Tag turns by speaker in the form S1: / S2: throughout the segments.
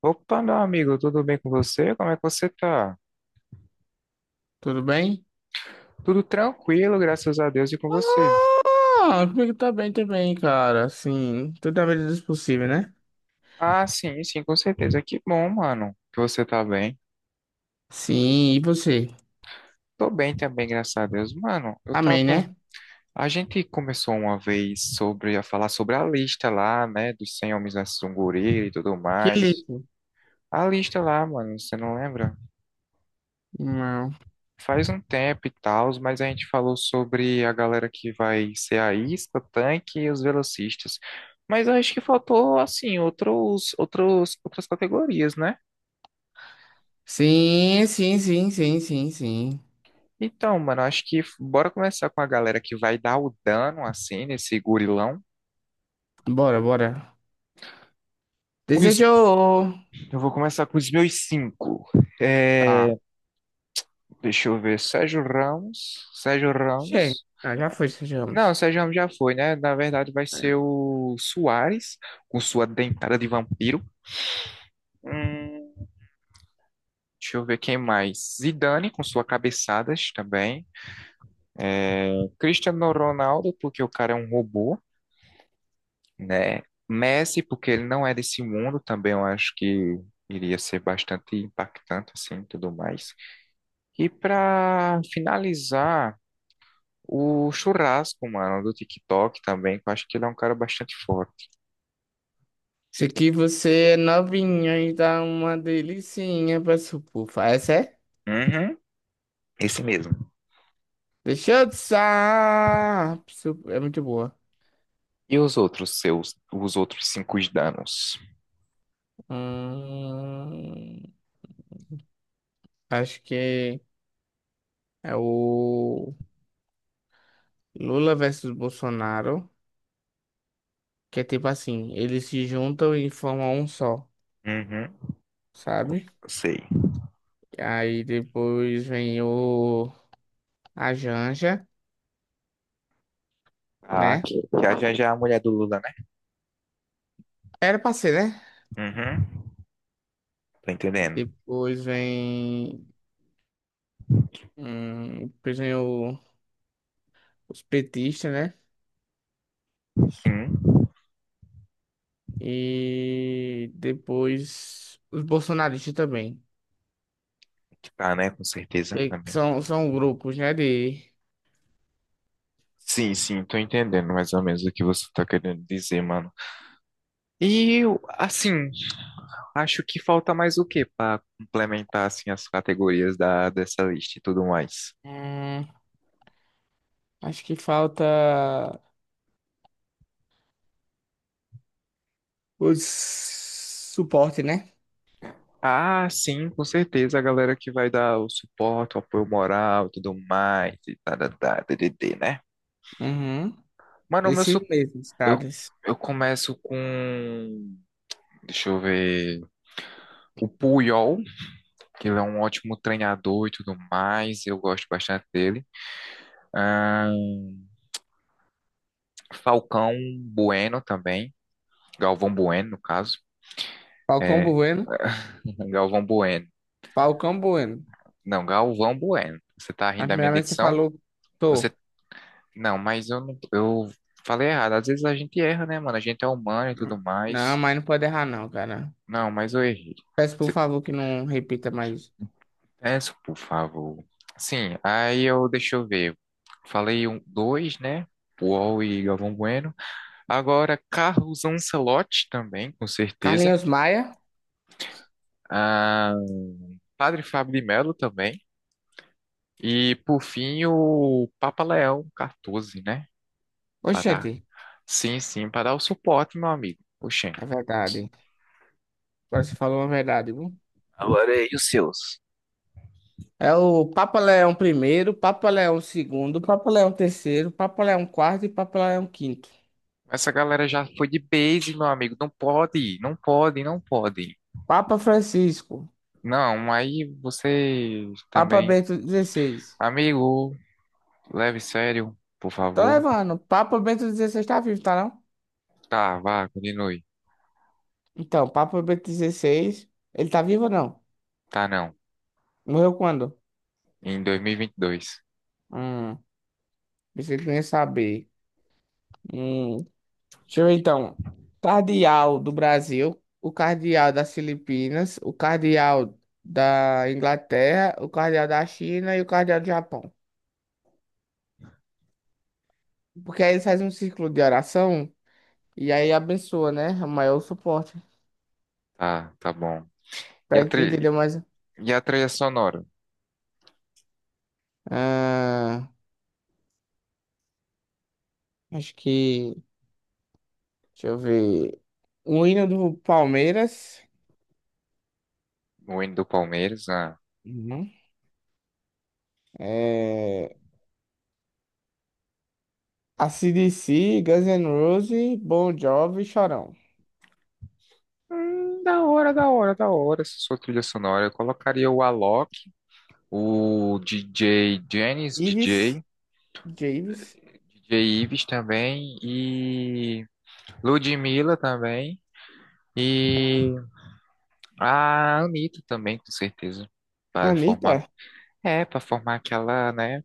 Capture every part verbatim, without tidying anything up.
S1: Opa, meu amigo, tudo bem com você? Como é que você tá?
S2: Tudo bem?
S1: Tudo tranquilo, graças a Deus, e com você?
S2: Ah, comigo tá bem também, cara. Assim, toda a medida do possível, né?
S1: Ah, sim, sim, com certeza. Que bom, mano, que você tá bem.
S2: Sim, e você?
S1: Tô bem também, graças a Deus. Mano, eu
S2: Amém,
S1: tava.
S2: né?
S1: A gente começou uma vez sobre a falar sobre a lista lá, né, dos cem homens versus um gorila e tudo
S2: Que
S1: mais.
S2: lindo.
S1: A lista lá, mano, você não lembra?
S2: Não.
S1: Faz um tempo e tal, mas a gente falou sobre a galera que vai ser a isca, o tanque e os velocistas. Mas eu acho que faltou, assim, outros, outros, outras categorias, né?
S2: Sim, sim, sim, sim, sim, sim.
S1: Então, mano, acho que f- bora começar com a galera que vai dar o dano, assim, nesse gorilão.
S2: Bora, bora.
S1: Os-
S2: Desejou.
S1: eu vou começar com os meus cinco. É,
S2: Tá.
S1: deixa eu ver, Sérgio Ramos, Sérgio
S2: Cheio.
S1: Ramos.
S2: Ah, já foi,
S1: Não, o
S2: desejamos.
S1: Sérgio Ramos já foi, né? Na verdade, vai ser o Soares, com sua dentada de vampiro. Hum, Deixa eu ver quem mais. Zidane com suas cabeçadas também. O Cristiano Ronaldo, porque o cara é um robô, né? Messi, porque ele não é desse mundo, também eu acho que iria ser bastante impactante, assim, tudo mais. E para finalizar, o Churrasco, mano, do TikTok também, que eu acho que ele é um cara bastante forte.
S2: se aqui você é novinha e dá uma delicinha pra supufa. Essa é?
S1: Uhum, esse mesmo.
S2: Deixa eu dançar. Su- É muito boa.
S1: E os outros seus, os outros cinco danos?
S2: Hum. Acho que é o Lula versus Bolsonaro, que é tipo assim, eles se juntam e formam um só,
S1: Uhum,
S2: sabe?
S1: sei.
S2: Aí depois vem o a Janja,
S1: Ah,
S2: né?
S1: que, que a Janja é a mulher do Lula, né?
S2: Era pra ser, né?
S1: Uhum, tô entendendo.
S2: Depois vem, hum, depois vem o- os petistas, né?
S1: Sim,
S2: E depois os bolsonaristas também.
S1: que tá, né? Com certeza. Na
S2: E
S1: minha...
S2: são, são grupos, né? De,
S1: Sim, sim, tô entendendo mais ou menos o que você tá querendo dizer, mano. E eu, assim, acho que falta mais o quê para complementar, assim, as categorias da, dessa lista e tudo mais?
S2: hum, Acho que falta. Os suporte, né?
S1: Ah, sim, com certeza, a galera que vai dar o suporte, o apoio moral e tudo mais, e tá, tá, tá, tdd, né?
S2: Uhum.
S1: Mano, o meu
S2: Esses
S1: su-
S2: mesmos,
S1: eu,
S2: caras.
S1: eu começo com, deixa eu ver, o Puyol, que ele é um ótimo treinador e tudo mais, eu gosto bastante dele. Ahn, Falcão Bueno também, Galvão Bueno, no caso,
S2: Falcão
S1: é,
S2: Bueno.
S1: Galvão Bueno,
S2: Falcão Bueno.
S1: não, Galvão Bueno, você tá
S2: A
S1: rindo da minha
S2: primeira vez que você
S1: dicção?
S2: falou,
S1: Você...
S2: tô.
S1: Não, mas eu não, eu falei errado. Às vezes a gente erra, né, mano? A gente é humano e tudo
S2: Não,
S1: mais.
S2: mas não pode errar, não, cara.
S1: Não, mas eu errei.
S2: Peço por
S1: Você...
S2: favor que não repita mais.
S1: Peço, por favor. Sim, aí eu, deixa eu ver. Falei um, dois, né? Paul e Galvão Bueno. Agora, Carlos Ancelotti também, com certeza.
S2: Carlinhos Maia.
S1: Ah, Padre Fábio de Melo também. E, por fim, o Papa Leão quatorze, né? Pra
S2: Oxente,
S1: dar. Sim, sim, para dar o suporte, meu amigo. Oxê.
S2: é verdade. Agora você falou uma verdade, viu?
S1: Agora e os seus?
S2: É o Papa Leão primeiro, Papa Leão segundo, Papa Leão terceiro, Papa Leão quarto e Papa Leão quinto.
S1: Essa galera já foi de base, meu amigo. Não pode, não pode, não pode.
S2: Papa Francisco,
S1: Não, aí você
S2: Papa
S1: também.
S2: Bento dezesseis.
S1: Amigo, leve sério, por
S2: Tô
S1: favor.
S2: levando. Papa Bento dezesseis tá vivo, tá não?
S1: Tá, vá, continue.
S2: Então, Papa Bento dezesseis, ele tá vivo ou não?
S1: Tá, não.
S2: Morreu quando?
S1: Em dois mil e e vinte e dois.
S2: Hum, Pensei que não ia saber. Hum, Deixa eu ver então. Cardeal do Brasil, o cardeal das Filipinas, o cardeal da Inglaterra, o cardeal da China e o cardeal do Japão. Porque aí eles fazem um círculo de oração e aí abençoa, né? O maior suporte.
S1: Tá, tá bom. E
S2: Pra
S1: a
S2: gente
S1: tri...
S2: entender mais.
S1: e a trilha sonora?
S2: Ah, acho que. Deixa eu ver. O hino do Palmeiras.
S1: O hino do Palmeiras? Ah.
S2: Uhum. É... A C/D C, Guns N' Roses, Bon Jovi, Chorão.
S1: Hum, da hora, da hora, da hora. Essa sua trilha sonora. Eu colocaria o Alok, o D J Janis,
S2: Ives,
S1: D J,
S2: Javes,
S1: D J Ives também e. Ludmilla também. E a Anitta também, com certeza. Para
S2: Anitta.
S1: formar. É, para formar aquela, né?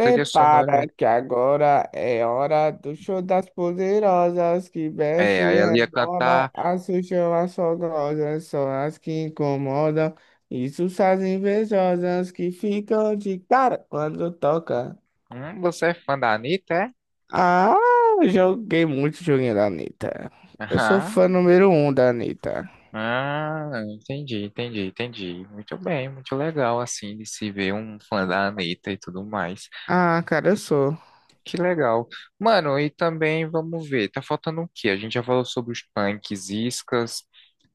S1: Trilha sonora.
S2: que agora é hora do show das poderosas, que mexe
S1: É,
S2: e
S1: aí ela ia
S2: rebola,
S1: cantar.
S2: assustam as fogosas, são as que incomodam, isso as invejosas que ficam de cara quando toca.
S1: Hum, você é fã da Anitta, é?
S2: Ah, eu joguei muito joguinho da Anitta. Eu sou fã
S1: Aham.
S2: número um da Anitta.
S1: Ah, entendi, entendi, entendi. Muito bem, muito legal, assim, de se ver um fã da Anitta e tudo mais.
S2: Ah, cara, eu sou.
S1: Que legal. Mano, e também, vamos ver, tá faltando o quê? A gente já falou sobre os punks, iscas,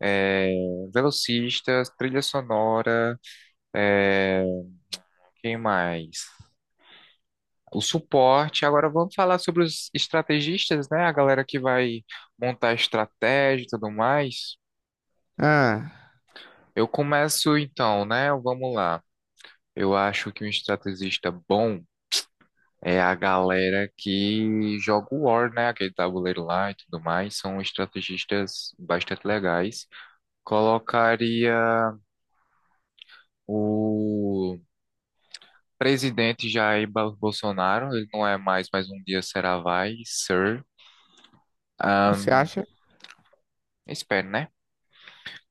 S1: é, velocistas, trilha sonora. É, quem mais? O suporte. Agora vamos falar sobre os estrategistas, né? A galera que vai montar estratégia e tudo mais.
S2: Ah,
S1: Eu começo então, né? Vamos lá. Eu acho que um estrategista bom é a galera que joga o War, né? Aquele tabuleiro lá e tudo mais. São estrategistas bastante legais. Colocaria o presidente Jair Bolsonaro. Ele não é mais, mas um dia será vai, sir.
S2: você acha?
S1: Espero, né?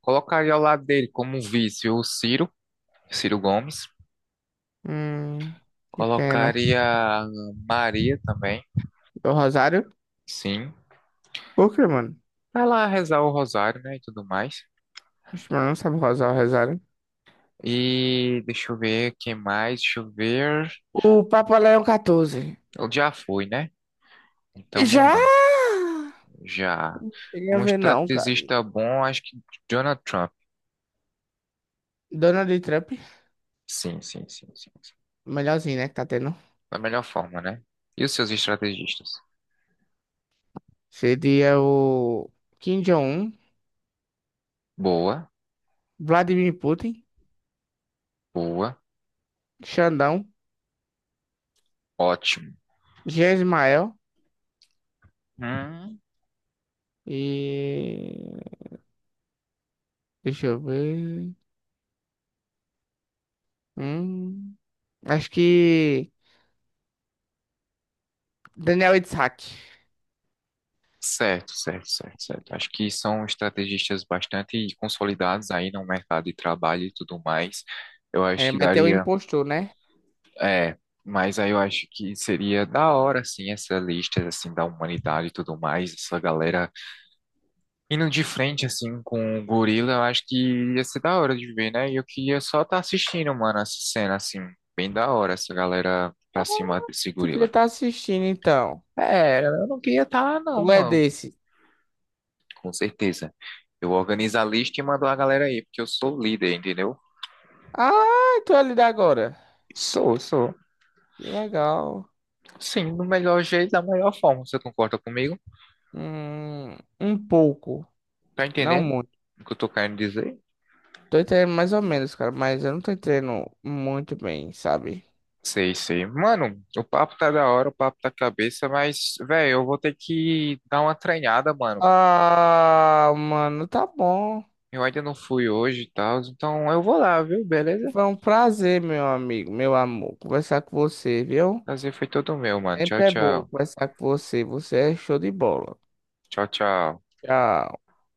S1: Colocaria ao lado dele como um vice o Ciro, Ciro Gomes.
S2: Hum, que pena.
S1: Colocaria a Maria também,
S2: Do Rosário?
S1: sim.
S2: Por que, mano?
S1: Pra lá rezar o rosário, né? E tudo mais.
S2: Oxe, mano, não sabe rosar o Rosário.
S1: E deixa eu ver quem mais. Deixa eu ver.
S2: O Papa Leão quatorze.
S1: Ele já foi, né? Então não
S2: Já!
S1: dá. Já.
S2: Cheguei a
S1: Um
S2: ver não, cara.
S1: estrategista bom, acho que Donald Trump.
S2: Donald Trump,
S1: Sim, sim, sim, sim, sim.
S2: melhorzinho, né, que tá tendo.
S1: Da melhor forma, né? E os seus estrategistas?
S2: Seria o Kim Jong-un,
S1: Boa,
S2: Vladimir Putin,
S1: boa,
S2: Xandão,
S1: ótimo.
S2: Jean Ismael
S1: Hum,
S2: e... Deixa eu ver. Hum, Acho que Daniel Itzhak.
S1: Certo, certo, certo, certo. Acho que são estrategistas bastante consolidados aí no mercado de trabalho e tudo mais. Eu acho
S2: É,
S1: que
S2: mas tem um
S1: daria,
S2: impostor, né?
S1: é, mas aí eu acho que seria da hora, assim, essa lista, assim, da humanidade e tudo mais, essa galera indo de frente, assim, com o gorila, eu acho que ia ser da hora de ver, né? E eu queria só estar assistindo, mano, essa cena, assim, bem da hora, essa galera
S2: Ah,
S1: pra cima desse
S2: tu queria
S1: gorila.
S2: estar assistindo, então.
S1: É, eu não queria estar lá não,
S2: Tu é
S1: mano.
S2: desse.
S1: Com certeza. Eu organizo a lista e mando a galera aí, porque eu sou líder, entendeu?
S2: Ah, tu é ali da agora.
S1: Sou, sou.
S2: Que legal.
S1: Sim, do melhor jeito, da melhor forma. Você concorda comigo?
S2: Hum, um pouco.
S1: Tá
S2: Não
S1: entendendo
S2: muito.
S1: o que eu tô querendo dizer?
S2: Tô entendendo mais ou menos, cara. Mas eu não tô entendendo muito bem, sabe?
S1: Sei, sei. Mano, o papo tá da hora, o papo tá cabeça, mas, velho, eu vou ter que dar uma treinada, mano.
S2: Ah, mano, tá bom.
S1: Eu ainda não fui hoje e tal, então eu vou lá, viu? Beleza?
S2: Foi um prazer, meu amigo, meu amor, conversar com você, viu?
S1: Prazer foi todo meu, mano. Tchau,
S2: Sempre é bom
S1: tchau.
S2: conversar com você. Você é show de bola.
S1: Tchau, tchau.
S2: Tchau.